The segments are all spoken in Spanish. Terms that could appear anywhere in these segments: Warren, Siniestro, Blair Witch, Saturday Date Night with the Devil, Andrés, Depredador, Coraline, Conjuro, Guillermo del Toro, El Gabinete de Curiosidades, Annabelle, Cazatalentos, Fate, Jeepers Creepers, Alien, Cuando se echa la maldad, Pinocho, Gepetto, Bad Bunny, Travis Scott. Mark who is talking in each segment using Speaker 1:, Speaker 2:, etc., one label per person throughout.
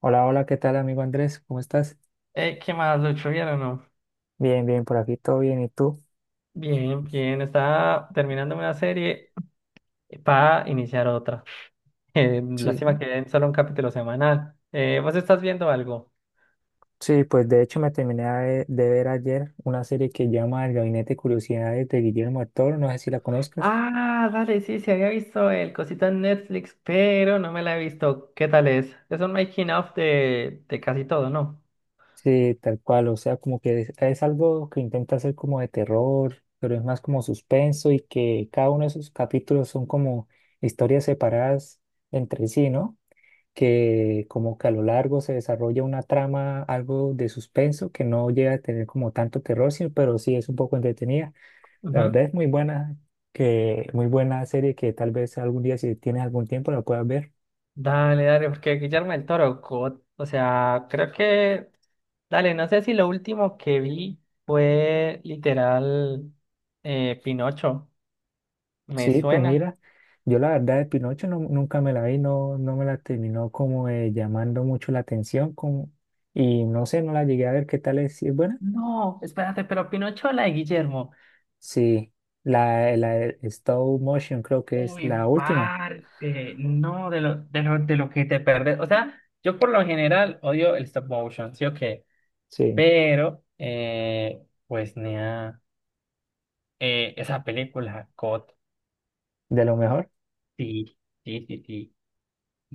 Speaker 1: Hola, hola, ¿qué tal, amigo Andrés? ¿Cómo estás?
Speaker 2: ¿Qué más, Lucho? ¿Bien o no?
Speaker 1: Bien, bien, por aquí todo bien, ¿y tú?
Speaker 2: Bien, bien. Estaba terminando una serie para iniciar otra. Lástima
Speaker 1: Sí,
Speaker 2: que den solo un capítulo semanal. ¿Vos estás viendo algo?
Speaker 1: Sí, pues de hecho me terminé de ver ayer una serie que llama El Gabinete de Curiosidades de Guillermo del Toro, no sé si la conozcas.
Speaker 2: Ah, dale, sí, sí, había visto el cosito en Netflix, pero no me la he visto. ¿Qué tal es? Es un making of de casi todo, ¿no?
Speaker 1: Sí, tal cual, o sea, como que es algo que intenta hacer como de terror, pero es más como suspenso y que cada uno de sus capítulos son como historias separadas entre sí, ¿no? Que como que a lo largo se desarrolla una trama, algo de suspenso, que no llega a tener como tanto terror, pero sí es un poco entretenida. La verdad
Speaker 2: Ujú.
Speaker 1: es muy buena, muy buena serie que tal vez algún día si tienes algún tiempo la puedas ver.
Speaker 2: Dale, dale, porque Guillermo del Toro, God. O sea, creo que... Dale, no sé si lo último que vi fue literal Pinocho. Me
Speaker 1: Sí, pues
Speaker 2: suena.
Speaker 1: mira, yo la verdad de Pinocho nunca me la vi, no, no me la terminó como llamando mucho la atención como, y no sé, no la llegué a ver qué tal es, si es buena.
Speaker 2: No, espérate, pero Pinocho, o la de Guillermo.
Speaker 1: Sí, la de stop motion creo que es
Speaker 2: Uy,
Speaker 1: la última,
Speaker 2: parte. No, de lo que te perdes. O sea, yo por lo general odio el stop motion, ¿sí o qué?
Speaker 1: sí,
Speaker 2: Pero, pues, nea, esa película, God,
Speaker 1: de lo mejor.
Speaker 2: sí, sí, sí, sí.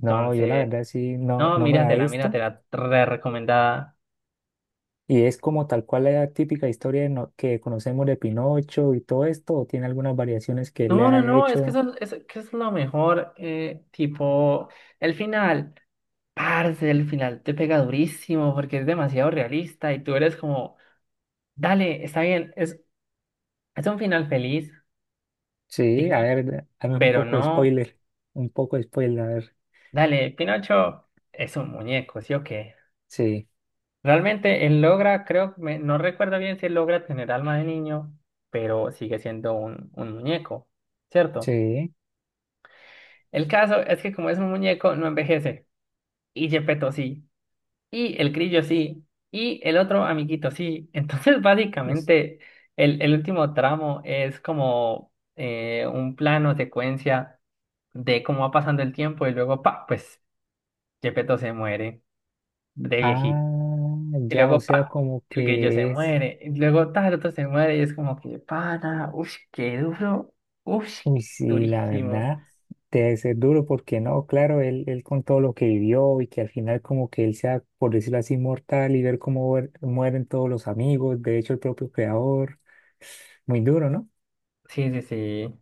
Speaker 1: No, yo la verdad sí, no,
Speaker 2: no,
Speaker 1: no me la he
Speaker 2: míratela,
Speaker 1: visto.
Speaker 2: míratela, re recomendada.
Speaker 1: ¿Y es como tal cual la típica historia de que conocemos de Pinocho y todo esto? ¿O tiene algunas variaciones que le
Speaker 2: No, no,
Speaker 1: ha
Speaker 2: no, es que
Speaker 1: hecho?
Speaker 2: eso, es, que es lo mejor, tipo, el final. Parce, el final te pega durísimo porque es demasiado realista y tú eres como, dale, está bien, es un final feliz,
Speaker 1: Sí, a
Speaker 2: sí,
Speaker 1: ver, dame un
Speaker 2: pero
Speaker 1: poco de
Speaker 2: no,
Speaker 1: spoiler. Un poco de spoiler, a ver.
Speaker 2: dale, Pinocho es un muñeco, ¿sí o qué?
Speaker 1: Sí,
Speaker 2: Realmente él logra, creo, no recuerdo bien si él logra tener alma de niño, pero sigue siendo un muñeco, ¿cierto?
Speaker 1: sí.
Speaker 2: El caso es que como es un muñeco, no envejece y Gepetto sí. Y el grillo sí, y el otro amiguito sí. Entonces,
Speaker 1: es-
Speaker 2: básicamente, el último tramo es como un plano secuencia de cómo va pasando el tiempo y luego, pa, pues Gepetto se muere de viejito.
Speaker 1: Ah,
Speaker 2: Y
Speaker 1: ya, o
Speaker 2: luego,
Speaker 1: sea,
Speaker 2: pa,
Speaker 1: como
Speaker 2: el grillo se
Speaker 1: que es.
Speaker 2: muere. Y luego, tal, otro se muere y es como que, pana, uff, qué duro, uff,
Speaker 1: Uy, sí, la
Speaker 2: durísimo.
Speaker 1: verdad, debe ser duro porque no, claro, él con todo lo que vivió y que al final como que él sea, por decirlo así, mortal y ver cómo mueren todos los amigos, de hecho el propio creador, muy duro, ¿no?
Speaker 2: Sí, sí, sí.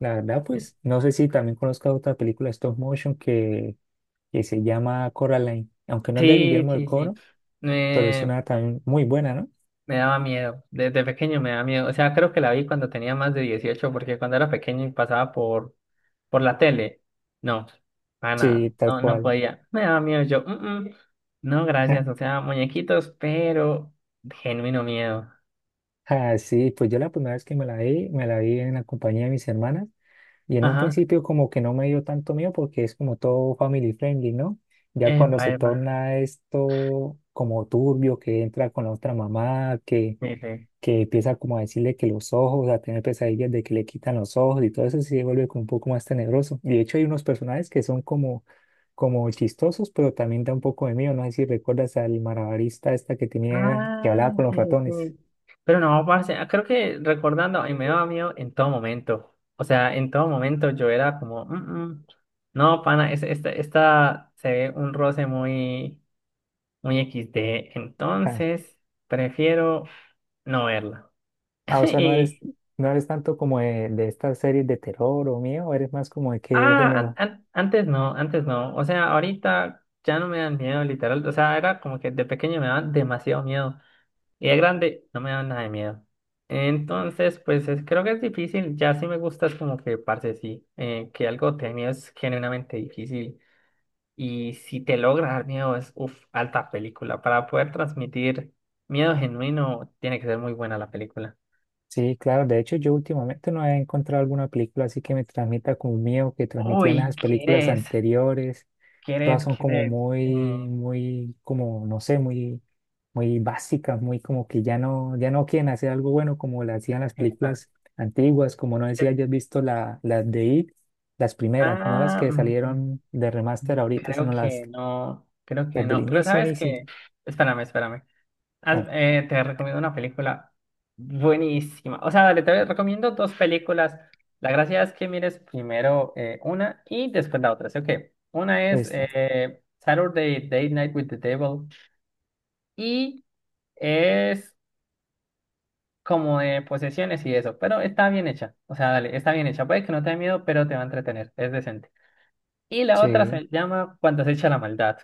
Speaker 1: La verdad, pues, no sé si también conozcas otra película stop motion que se llama Coraline, aunque no es de
Speaker 2: Sí,
Speaker 1: Guillermo del
Speaker 2: sí, sí.
Speaker 1: Toro, pero es
Speaker 2: Eh,
Speaker 1: una también muy buena, ¿no?
Speaker 2: Me daba miedo, desde pequeño me daba miedo. O sea, creo que la vi cuando tenía más de 18 porque cuando era pequeño y pasaba por la tele, no,
Speaker 1: Sí,
Speaker 2: pana,
Speaker 1: tal
Speaker 2: no, no
Speaker 1: cual.
Speaker 2: podía. Me daba miedo, yo, "Mm, mm, no, gracias, o sea, muñequitos, pero genuino miedo".
Speaker 1: Ah, sí, pues yo la primera vez que me la vi en la compañía de mis hermanas. Y en un
Speaker 2: Ajá,
Speaker 1: principio como que no me dio tanto miedo porque es como todo family friendly, ¿no? Ya cuando
Speaker 2: epa,
Speaker 1: se
Speaker 2: epa.
Speaker 1: torna esto como turbio, que entra con la otra mamá, que,
Speaker 2: Sí, sí.
Speaker 1: que empieza como a decirle que los ojos, a tener pesadillas de que le quitan los ojos y todo eso sí se vuelve como un poco más tenebroso. Y de hecho hay unos personajes que son como, como chistosos, pero también da un poco de miedo. No sé si recuerdas al malabarista esta que tenía, que
Speaker 2: Ah,
Speaker 1: hablaba con los
Speaker 2: sí, sí,
Speaker 1: ratones.
Speaker 2: sí. Pero no, parce, ah, creo que recordando, y me daba miedo en todo momento. O sea, en todo momento yo era como, "Mm, mm, no, pana, esta, esta se ve un roce muy, muy XD".
Speaker 1: Ah,
Speaker 2: Entonces, prefiero no verla.
Speaker 1: Ah, o sea, no eres,
Speaker 2: Y,
Speaker 1: no eres tanto como de estas series de terror o miedo, eres más como de qué
Speaker 2: ah,
Speaker 1: género.
Speaker 2: antes no, antes no. O sea, ahorita ya no me dan miedo, literal. O sea, era como que de pequeño me daban demasiado miedo. Y de grande no me da nada de miedo. Entonces, pues creo que es difícil. Ya sí me gusta, es como que, parce, sí, que algo te dé miedo es genuinamente difícil. Y si te logra dar miedo, es, uff, alta película. Para poder transmitir miedo genuino, tiene que ser muy buena la película.
Speaker 1: Sí, claro, de hecho yo últimamente no he encontrado alguna película así que me transmita como miedo que transmitían
Speaker 2: Uy,
Speaker 1: esas películas
Speaker 2: ¿quieres?
Speaker 1: anteriores. Todas
Speaker 2: ¿Quieres?
Speaker 1: son como
Speaker 2: ¿Quieres? Eh,
Speaker 1: muy, muy, como, no sé, muy, muy básicas, muy como que ya no quieren hacer algo bueno como lo hacían las
Speaker 2: esta.
Speaker 1: películas antiguas, como no decía,
Speaker 2: Eh,
Speaker 1: hayas visto las de It, las primeras, no las
Speaker 2: ah,
Speaker 1: que
Speaker 2: mm,
Speaker 1: salieron de remaster ahorita,
Speaker 2: creo
Speaker 1: sino las,
Speaker 2: que no, creo que
Speaker 1: las del
Speaker 2: no. Pero
Speaker 1: inicio,
Speaker 2: sabes
Speaker 1: inicio.
Speaker 2: que, espérame, espérame.
Speaker 1: Co-
Speaker 2: Te recomiendo una película buenísima. O sea, dale, te recomiendo dos películas. La gracia es que mires primero una y después la otra. Así que una es
Speaker 1: Esta,
Speaker 2: Saturday Date Night with the Devil y es como de posesiones y eso, pero está bien hecha. O sea, dale, está bien hecha. Puede que no te dé miedo, pero te va a entretener. Es decente. Y la otra
Speaker 1: sí.
Speaker 2: se llama Cuando se echa la maldad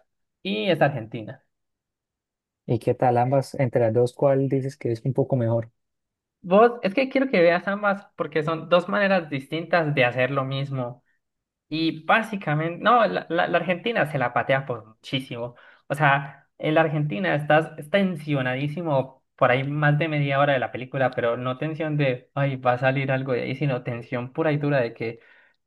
Speaker 2: y es argentina.
Speaker 1: ¿Y qué tal ambas? Entre las dos, ¿cuál dices que es un poco mejor?
Speaker 2: Vos, es que quiero que veas ambas porque son dos maneras distintas de hacer lo mismo. Y básicamente, no, la Argentina se la patea por muchísimo. O sea, en la Argentina estás tensionadísimo por ahí más de media hora de la película, pero no tensión de, ay, va a salir algo de ahí, sino tensión pura y dura de que,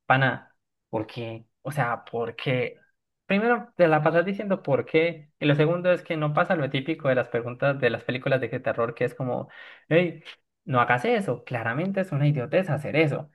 Speaker 2: pana, ¿por qué? O sea, ¿por qué? Primero te la pasas diciendo por qué, y lo segundo es que no pasa lo típico de las preguntas de las películas de terror, que es como, hey, no hagas eso, claramente es una idiotez hacer eso.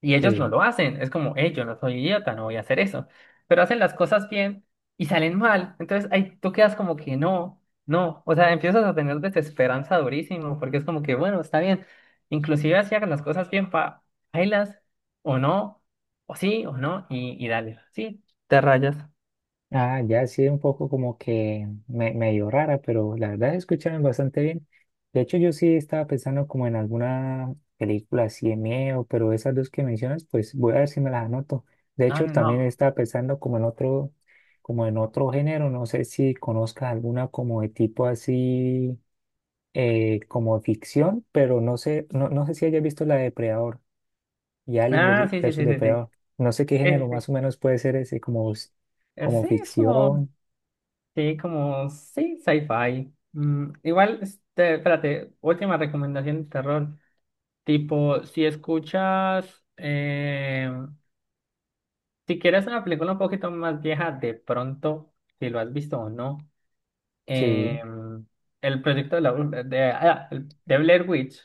Speaker 2: Y ellos no
Speaker 1: Sí.
Speaker 2: lo hacen. Es como, hey, yo no soy idiota, no voy a hacer eso. Pero hacen las cosas bien y salen mal. Entonces ahí tú quedas como que no, no. O sea, empiezas a tener desesperanza durísimo porque es como que, bueno, está bien. Inclusive si hagan las cosas bien, pa, bailas o no, o sí o no, y dale. Sí, te rayas.
Speaker 1: Ah, ya sí, un poco como que medio rara, pero la verdad escucharon bastante bien. De hecho, yo sí estaba pensando como en alguna película así de miedo, pero esas dos que mencionas, pues voy a ver si me las anoto. De
Speaker 2: No,
Speaker 1: hecho,
Speaker 2: no,
Speaker 1: también
Speaker 2: no.
Speaker 1: estaba pensando como en otro género, no sé si conozcas alguna como de tipo así, como ficción, pero no sé si hayas visto la de Depredador y Alien
Speaker 2: Ah, sí, sí,
Speaker 1: versus
Speaker 2: sí, sí,
Speaker 1: Depredador.
Speaker 2: sí.
Speaker 1: No sé qué
Speaker 2: Sí,
Speaker 1: género
Speaker 2: sí, sí.
Speaker 1: más o menos puede ser ese, como, como
Speaker 2: Sí, es
Speaker 1: ficción.
Speaker 2: como, sí, sci-fi. Mm, igual, este, espérate, última recomendación de terror. Tipo, si escuchas, si quieres una película un poquito más vieja, de pronto, si lo has visto o no, eh,
Speaker 1: Sí.
Speaker 2: el proyecto de la bruja, de, de Blair Witch,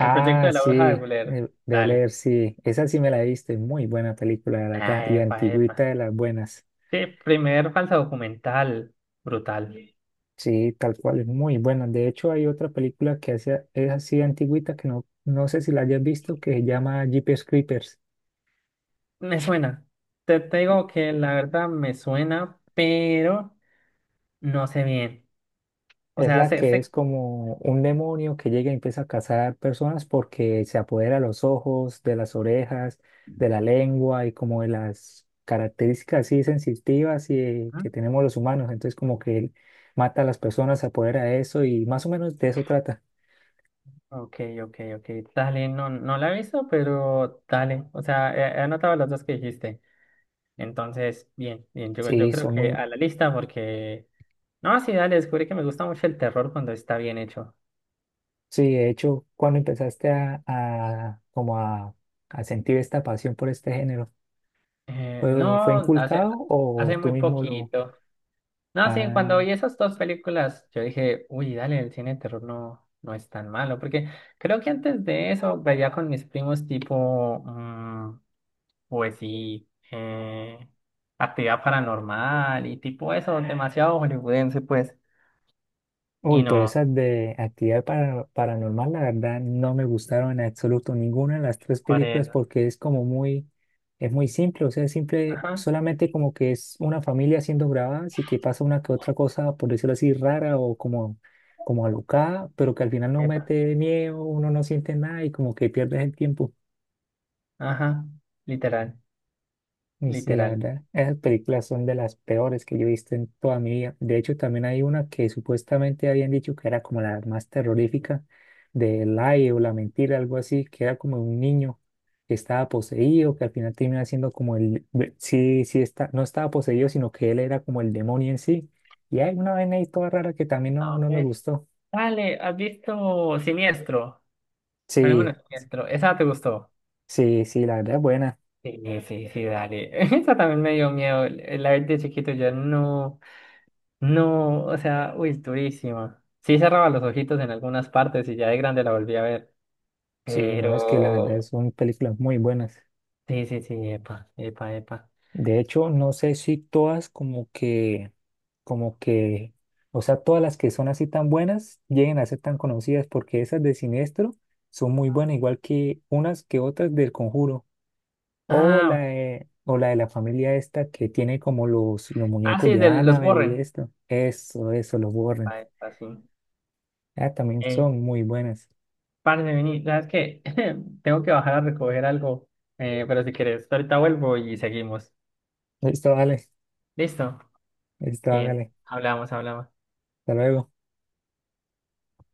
Speaker 2: el proyecto de la bruja de
Speaker 1: sí,
Speaker 2: Blair,
Speaker 1: de
Speaker 2: dale.
Speaker 1: leer, sí. Esa sí me la viste, muy buena película, la
Speaker 2: Ah,
Speaker 1: verdad, y
Speaker 2: epa, epa.
Speaker 1: antigüita de las buenas.
Speaker 2: Sí, primer falsa documental, brutal.
Speaker 1: Sí, tal cual, es muy buena. De hecho, hay otra película que hace, es así antigüita que no, no sé si la hayas visto, que se llama Jeepers Creepers.
Speaker 2: Me suena. Te digo que la verdad me suena, pero no sé bien. O
Speaker 1: Es
Speaker 2: sea,
Speaker 1: la
Speaker 2: sé,
Speaker 1: que es
Speaker 2: sé.
Speaker 1: como un demonio que llega y empieza a cazar personas porque se apodera de los ojos, de las orejas, de la lengua y como de las características así sensitivas y que tenemos los humanos. Entonces como que él mata a las personas, se apodera de eso y más o menos de eso trata.
Speaker 2: Ok, ok, ok. Dale, no, no la he visto, pero dale. O sea, he anotado las dos que dijiste. Entonces, bien, bien. Yo
Speaker 1: Sí,
Speaker 2: creo
Speaker 1: son
Speaker 2: que
Speaker 1: muy...
Speaker 2: a la lista, porque. No, sí, dale, descubrí que me gusta mucho el terror cuando está bien hecho.
Speaker 1: Sí, de hecho, cuando empezaste como a sentir esta pasión por este género,
Speaker 2: Eh,
Speaker 1: ¿fue
Speaker 2: no, hace,
Speaker 1: inculcado o
Speaker 2: hace
Speaker 1: tú
Speaker 2: muy
Speaker 1: mismo lo...
Speaker 2: poquito. No, sí, cuando vi esas dos películas, yo dije, uy, dale, el cine de terror no, no es tan malo, porque creo que antes de eso veía con mis primos tipo, mm, pues sí, actividad paranormal y tipo eso, demasiado hollywoodense, pues,
Speaker 1: Uy,
Speaker 2: y
Speaker 1: pero
Speaker 2: no,
Speaker 1: esas de actividad paranormal, la verdad, no me gustaron en absoluto ninguna de las tres películas
Speaker 2: Corea.
Speaker 1: porque es como muy, es muy simple, o sea, simple,
Speaker 2: Ajá,
Speaker 1: solamente como que es una familia siendo grabada, y que pasa una que otra cosa, por decirlo así, rara o como, como alocada, pero que al final no
Speaker 2: epa,
Speaker 1: mete miedo, uno no siente nada y como que pierdes el tiempo.
Speaker 2: ajá, literal,
Speaker 1: Y sí, la
Speaker 2: literal.
Speaker 1: verdad, esas películas son de las peores que yo he visto en toda mi vida. De hecho, también hay una que supuestamente habían dicho que era como la más terrorífica de Lie o La Mentira, algo así, que era como un niño que estaba poseído, que al final termina siendo como el, sí, está, no estaba poseído, sino que él era como el demonio en sí. Y hay una vaina ahí toda rara que también
Speaker 2: Ah,
Speaker 1: no,
Speaker 2: ok.
Speaker 1: no me gustó.
Speaker 2: Dale, ¿has visto Siniestro? Fenómeno
Speaker 1: Sí,
Speaker 2: Siniestro, esa te gustó.
Speaker 1: sí, sí, la verdad es buena.
Speaker 2: Sí, sí, sí, dale. Eso también me dio miedo. La vez de chiquito yo no, no, o sea, uy, es durísima. Sí cerraba los ojitos en algunas partes y ya de grande la volví a ver.
Speaker 1: Sí, no, es que la verdad
Speaker 2: Pero,
Speaker 1: son películas muy buenas.
Speaker 2: sí, sí, sí, epa, epa, epa.
Speaker 1: De hecho, no sé si todas como que, o sea, todas las que son así tan buenas lleguen a ser tan conocidas porque esas de Siniestro son muy buenas, igual que unas que otras del Conjuro.
Speaker 2: Ah,
Speaker 1: O la de la familia esta que tiene como los
Speaker 2: ah,
Speaker 1: muñecos
Speaker 2: sí,
Speaker 1: de
Speaker 2: de los
Speaker 1: Annabelle y
Speaker 2: Warren.
Speaker 1: esto. Eso, los borren.
Speaker 2: Epa, epa, sí.
Speaker 1: Ah, también
Speaker 2: Eh,
Speaker 1: son muy buenas.
Speaker 2: parce, vení, ¿sabes qué? Tengo que bajar a recoger algo. Pero si quieres, ahorita vuelvo y seguimos.
Speaker 1: Listo, dale.
Speaker 2: ¿Listo?
Speaker 1: Listo,
Speaker 2: Bien,
Speaker 1: hágale.
Speaker 2: hablamos, hablamos.
Speaker 1: Hasta luego.